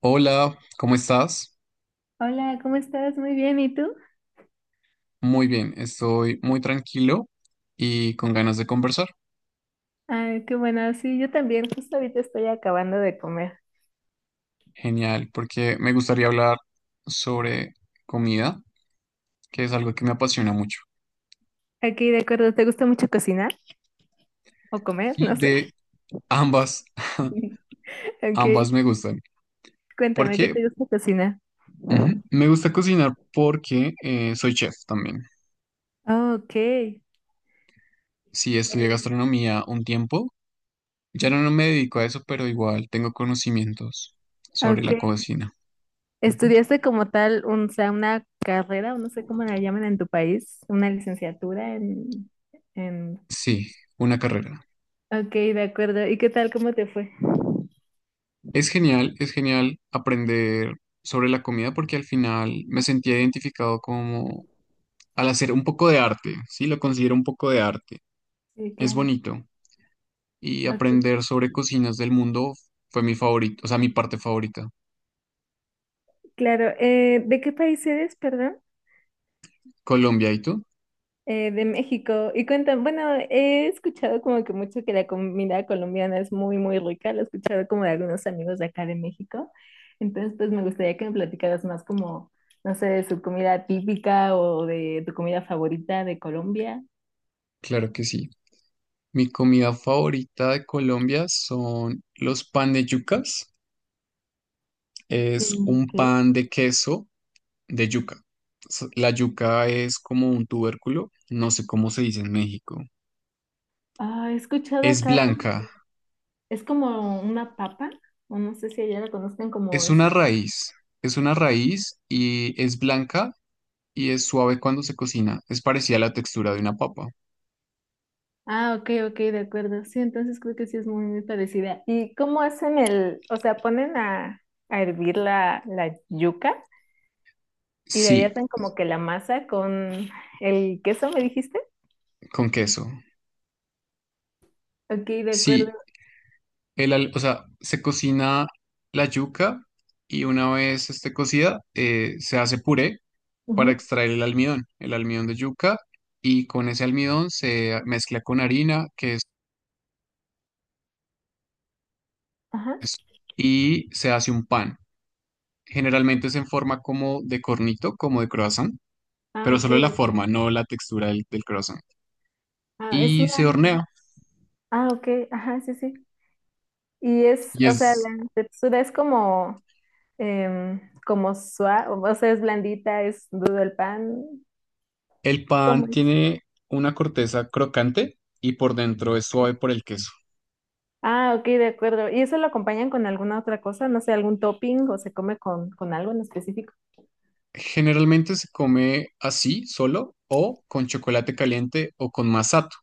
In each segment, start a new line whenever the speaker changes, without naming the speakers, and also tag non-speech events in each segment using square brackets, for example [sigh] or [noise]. Hola, ¿cómo estás?
Hola, ¿cómo estás? Muy bien, ¿y tú?
Muy bien, estoy muy tranquilo y con ganas de conversar.
Ah, qué bueno, sí, yo también, justo ahorita estoy acabando de comer.
Genial, porque me gustaría hablar sobre comida, que es algo que me apasiona mucho.
Aquí, de acuerdo, ¿te gusta mucho cocinar o comer?
Y
No sé.
de ambas, [laughs]
[laughs] Ok,
ambas me gustan. ¿Por
cuéntame, ¿qué te
qué?
gusta cocinar?
Ujú, me gusta cocinar porque soy chef también.
Oh, ok.
Sí, estudié gastronomía un tiempo. Ya no me dedico a eso, pero igual tengo conocimientos sobre
Ok.
la cocina. Ujú.
¿Estudiaste como tal un, o sea, una carrera o no sé cómo la llaman en tu país? ¿Una licenciatura en...
Sí, una carrera.
Ok, de acuerdo. ¿Y qué tal? ¿Cómo te fue?
Es genial aprender sobre la comida porque al final me sentía identificado como al hacer un poco de arte, sí, lo considero un poco de arte.
Sí,
Es
claro.
bonito y
Ok,
aprender sobre cocinas del mundo fue mi favorito, o sea, mi parte favorita.
claro. ¿De qué país eres, perdón?
Colombia, ¿y tú?
De México. Y cuentan, bueno, he escuchado como que mucho que la comida colombiana es muy, muy rica. Lo he escuchado como de algunos amigos de acá de México. Entonces, pues me gustaría que me platicaras más como, no sé, de su comida típica o de tu comida favorita de Colombia.
Claro que sí. Mi comida favorita de Colombia son los pan de yucas. Es
Mm,
un
ok.
pan de queso de yuca. La yuca es como un tubérculo, no sé cómo se dice en México.
Ah, he escuchado
Es
acá, como
blanca,
es como una papa, o no sé si allá la conozcan como
es una
eso.
raíz, es una raíz y es blanca y es suave cuando se cocina. Es parecida a la textura de una papa.
Ah, ok, ok, de acuerdo. Sí, entonces creo que sí es muy, muy parecida. ¿Y cómo hacen el, o sea, ponen a hervir la yuca y de ahí
Sí,
hacen como que la masa con el queso, ¿me dijiste?
con queso.
Ok, de acuerdo.
Sí, o sea, se cocina la yuca y una vez esté cocida, se hace puré para
Ujú,
extraer el almidón de yuca y con ese almidón se mezcla con harina, que es
ajá.
queso, y se hace un pan. Generalmente se en forma como de cornito, como de croissant,
Ah,
pero
ok,
solo
de
la
acuerdo.
forma, no la textura del croissant.
Ah, es
Y
una,
se hornea.
ah, ok, ajá, sí, sí. Y es,
Y
o sea,
es,
la textura es como, em, como suave, o sea, es blandita, ¿es duro el pan?
el
¿Cómo
pan
es?
tiene una corteza crocante y por dentro es
Ok.
suave por el queso.
Ah, ok, de acuerdo. ¿Y eso lo acompañan con alguna otra cosa? No sé, ¿algún topping o se come con algo en específico?
Generalmente se come así, solo, o con chocolate caliente o con masato.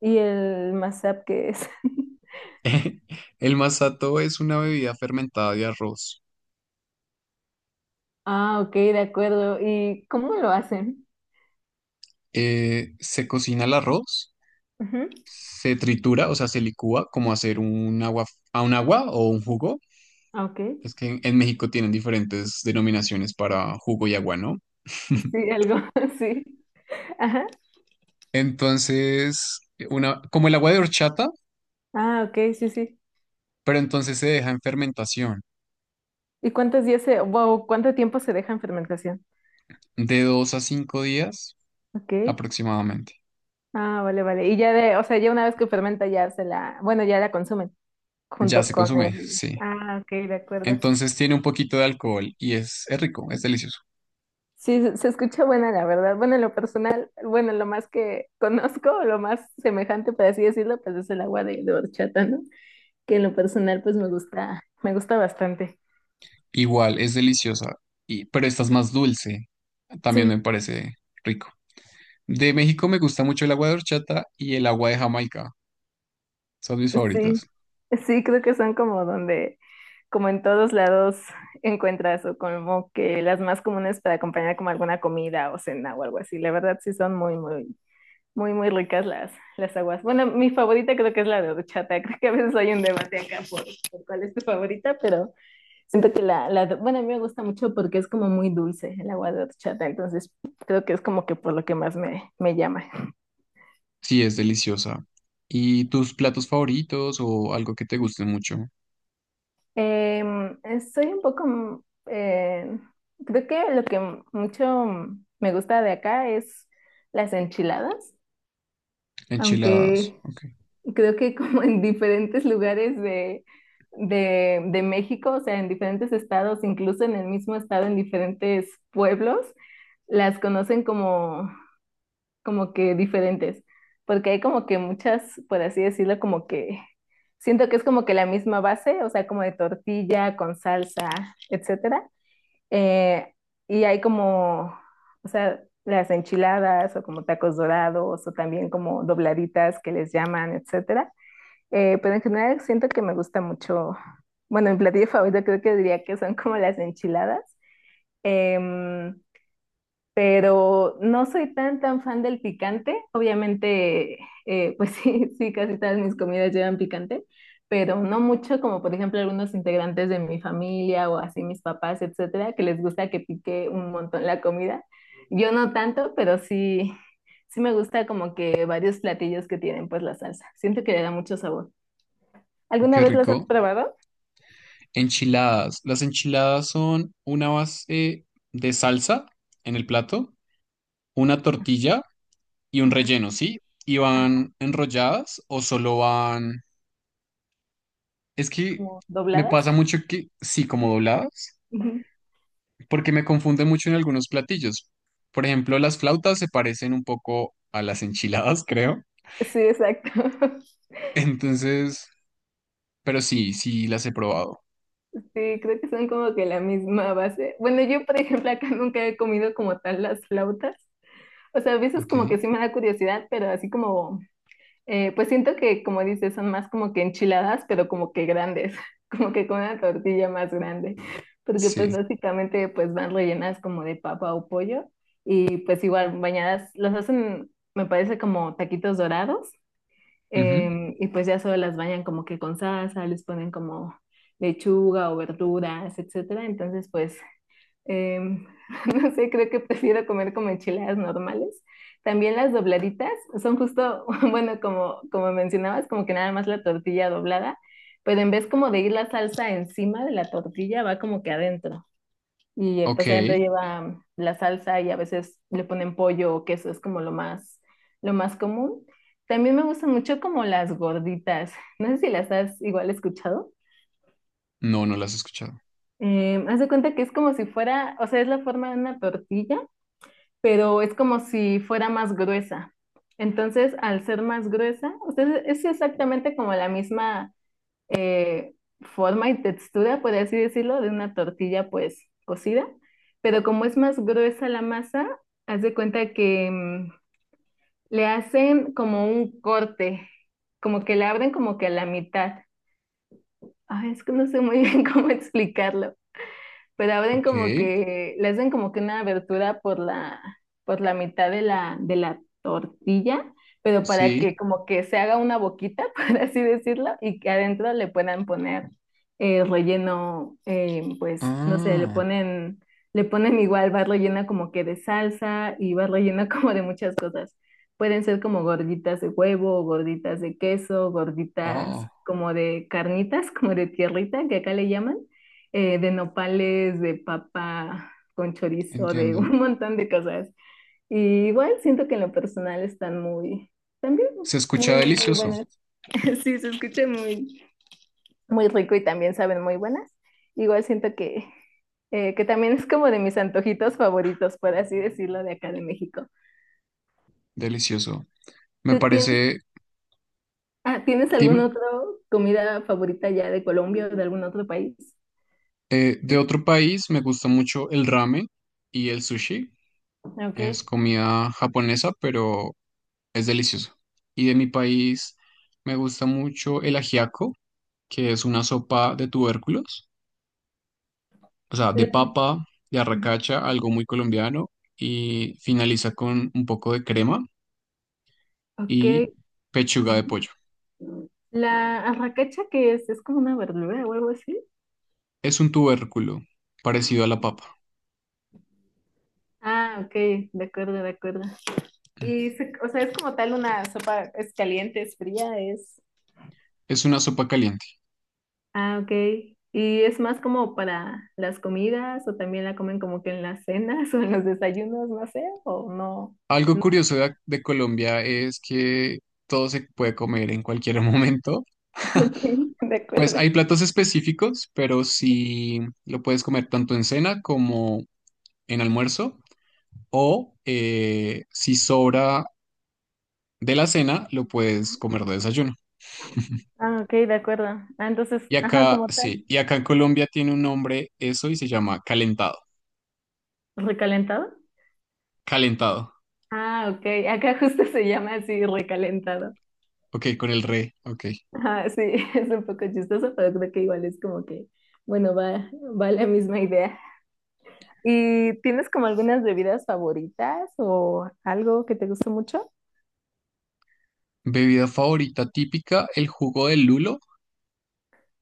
¿Y el mashup qué es? [laughs]
[laughs] El masato es una bebida fermentada de arroz.
Ah, ok, de acuerdo. ¿Y cómo lo hacen?
Se cocina el arroz,
Ujú.
se tritura, o sea, se licúa como hacer un agua, a un agua o un jugo.
Ah, ok.
Es que en México tienen diferentes denominaciones para jugo y agua, ¿no? [laughs]
Sí, algo, [laughs] sí. Ajá.
Entonces, una, como el agua de horchata,
Ah, ok, sí, sí.
pero entonces se deja en fermentación
¿Y cuántos días se, wow, cuánto tiempo se deja en fermentación?
de 2 a 5 días
Ok.
aproximadamente.
Ah, vale, vale. Y ya de, o sea, ya una vez que fermenta ya se la, bueno, ya la consumen
Ya
junto
se
con
consume,
el.
sí.
Ah, ok, de acuerdo.
Entonces tiene un poquito de alcohol y es rico, es delicioso.
Sí, se se escucha buena, la verdad. Bueno, en lo personal, bueno, lo más que [laughs] conozco, lo más semejante, por así decirlo, pues es el agua de horchata, ¿no? Que en lo personal, pues me gusta bastante.
Igual, es deliciosa, y, pero esta es más dulce. También
Sí,
me parece rico. De México me gusta mucho el agua de horchata y el agua de Jamaica. Son mis
sí,
favoritas.
sí, creo que son como donde, como en todos lados encuentras o como que las más comunes para acompañar como alguna comida o cena o algo así. La verdad, sí son muy, muy, muy, muy ricas las aguas. Bueno, mi favorita creo que es la de horchata. [laughs] Creo que a veces hay un debate acá por cuál es tu favorita, pero... Siento que la, bueno, a mí me gusta mucho porque es como muy dulce el agua de horchata, entonces creo que es como que por lo que más me, me llama.
Sí, es deliciosa. ¿Y tus platos favoritos o algo que te guste mucho?
Soy un poco, eh, creo que lo que mucho me gusta de acá es las enchiladas,
Enchiladas.
aunque
Ok.
creo que como en diferentes lugares de México, o sea, en diferentes estados, incluso en el mismo estado, en diferentes pueblos, las conocen como como que diferentes, porque hay como que muchas, por así decirlo, como que siento que es como que la misma base, o sea, como de tortilla con salsa, etcétera. Eh, y hay como, o sea, las enchiladas o como tacos dorados o también como dobladitas que les llaman, etcétera. Pero en general siento que me gusta mucho, bueno, mi platillo favorito creo que diría que son como las enchiladas. Em, pero no soy tan tan fan del picante. Obviamente, pues [laughs] sí, sí, casi todas mis comidas llevan picante, pero no mucho como por ejemplo algunos integrantes de mi familia o así mis papás, etcétera, que les gusta que pique un montón la comida. Yo no tanto, pero sí, sí me gusta como que varios platillos que tienen pues la salsa. Siento que le da mucho sabor. ¿Alguna
Qué
vez las has
rico.
probado?
Enchiladas. Las enchiladas son una base de salsa en el plato, una tortilla y un
Ajá,
relleno, ¿sí? ¿Y
ajá,
van enrolladas o solo van... Es que
como
me
dobladas.
pasa mucho que sí, como dobladas,
Ujú.
porque me confunden mucho en algunos platillos. Por ejemplo, las flautas se parecen un poco a las enchiladas, [laughs] creo.
Sí, exacto. [laughs]
Entonces... Pero sí, sí las he probado.
Sí, creo que son como que la misma base. Bueno, yo, por ejemplo, acá nunca he comido como tal las flautas. O sea, a veces
Ok.
como que sí me da curiosidad, pero así como, pues siento que, como dices, son más como que enchiladas, pero como que grandes, [laughs] como que con una tortilla más grande, porque pues
Sí.
básicamente pues van rellenas como de papa o pollo y pues igual bañadas, los hacen, me parece como taquitos dorados.
Ujú.
Y pues ya solo las bañan como que con salsa, les ponen como lechuga o verduras, etcétera. Entonces, pues, em, [laughs] no sé, creo que prefiero comer como enchiladas normales. También las dobladitas son justo, [laughs] bueno, como, como mencionabas, como que nada más la tortilla doblada, pero en vez como de ir la salsa encima de la tortilla, va como que adentro. Y
Ok.
pues adentro lleva la salsa y a veces le ponen pollo o queso, es como lo más común. También me gustan mucho como las gorditas. [laughs] No sé si las has igual escuchado.
No, no las he escuchado.
Haz de cuenta que es como si fuera, o sea, es la forma de una tortilla, pero es como si fuera más gruesa. Entonces, al ser más gruesa, o sea, es exactamente como la misma eh, forma y textura, por así decirlo, de una tortilla pues cocida, pero como es más gruesa la masa, haz de cuenta que le hacen como un corte, como que le abren como que a la mitad. Ay, es que no sé muy bien [laughs] cómo explicarlo pero abren
Ok.
como que, le hacen como que una abertura por la mitad de la tortilla, pero para que
Sí.
como que se haga una boquita, [laughs] por así decirlo, y que adentro le puedan poner relleno, pues, no sé,
Ah.
le ponen igual, va rellena como que de salsa y va rellena [laughs] como de muchas cosas. Pueden ser como gorditas de huevo, gorditas de queso, gorditas
Oh,
como de carnitas, [laughs] como de tierrita, que acá le llaman de nopales, de papa con chorizo, de [laughs]
entiendo.
un montón de cosas. Y igual siento que en lo personal están muy, también
Se escucha
muy, muy
delicioso.
buenas. [laughs] Sí, se escucha muy, muy rico y también saben muy buenas. Igual siento que también es como de mis antojitos favoritos, por así decirlo, de acá de México.
Delicioso. Me
¿Tú tienes,
parece.
¿Tienes alguna
Dime.
otra comida favorita ya de Colombia o de algún otro país?
De otro país me gusta mucho el ramen y el sushi.
Ok.
Es comida japonesa, pero es delicioso. Y de mi país me gusta mucho el ajiaco, que es una sopa de tubérculos, o sea, de
Eh,
papa, de arracacha, algo muy colombiano, y finaliza con un poco de crema
Ok.
y pechuga de pollo.
La arracacha que es, ¿es como una verdura o algo así?
Es un tubérculo parecido a la papa.
Ah, ok, de acuerdo, de acuerdo.
Mm.
Y, se- o sea, es como tal una sopa, ¿es caliente, es fría, es...?
Es una sopa caliente.
Ah, ok. ¿Y es más como para las comidas o también la comen como que en las cenas [laughs] o en los desayunos, no sé, o no?
Algo
No.
curioso de, de Colombia es que todo se puede comer en cualquier [laughs] momento.
[laughs] Ok, de
Pues
acuerdo.
hay platos específicos, pero sí lo puedes comer tanto en cena como en almuerzo, o si sobra de la cena, lo puedes comer de desayuno.
Ah, ok, de acuerdo. Ah, entonces,
Y
ajá,
acá,
como tal.
sí, y acá en Colombia tiene un nombre eso y se llama calentado.
¿Recalentado?
Calentado.
Ah, ok. Acá justo se llama así, recalentado.
Ok, con el re, ok.
Ajá, sí, [laughs] es un poco chistoso, pero creo que igual es como que, bueno, va, va la misma idea. ¿Y tienes como algunas bebidas favoritas o algo que te guste mucho?
Bebida favorita típica, el jugo de lulo.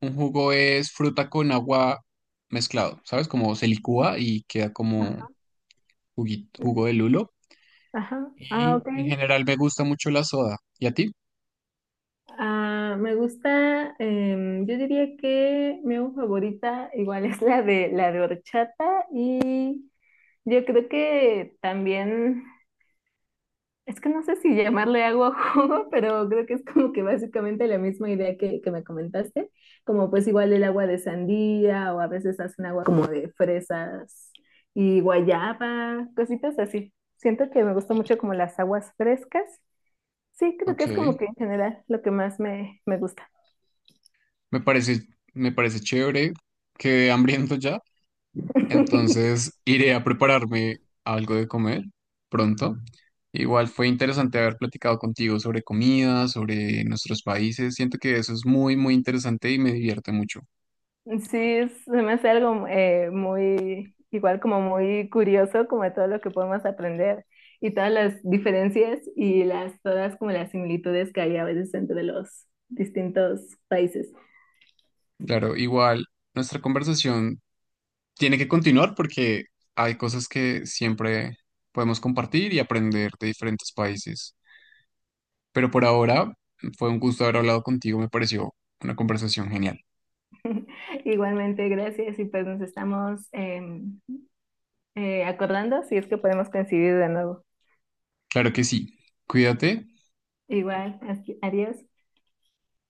Un jugo es fruta con agua mezclado, ¿sabes? Como se licúa y queda como
Ajá.
jugo de lulo.
Ajá. Ah,
Y
ok.
en general me gusta mucho la soda. ¿Y a ti?
Ah, me gusta, yo diría que mi agua favorita igual es la de horchata y yo creo que también. Es que no sé si llamarle agua o jugo, pero creo que es como que básicamente la misma idea que me comentaste, como pues igual el agua de sandía o a veces hacen agua como de fresas y guayaba, cositas así. Siento que me gusta mucho como las aguas frescas. Sí, creo que
Ok.
es como que en general lo que más me, me gusta.
Me parece, me parece chévere. Quedé hambriento ya.
[laughs]
Entonces iré a prepararme algo de comer pronto. Igual fue interesante haber platicado contigo sobre comida, sobre nuestros países. Siento que eso es muy, muy interesante y me divierte mucho.
Sí, se me hace algo muy, igual como muy curioso, como de todo lo que podemos aprender y todas las diferencias y las, todas como las similitudes que hay a veces entre los distintos países.
Claro, igual nuestra conversación tiene que continuar porque hay cosas que siempre podemos compartir y aprender de diferentes países. Pero por ahora fue un gusto haber hablado contigo, me pareció una conversación genial.
[laughs] Igualmente, gracias y pues nos estamos acordando si es que podemos coincidir de nuevo.
Claro que sí. Cuídate
Igual, así- adiós.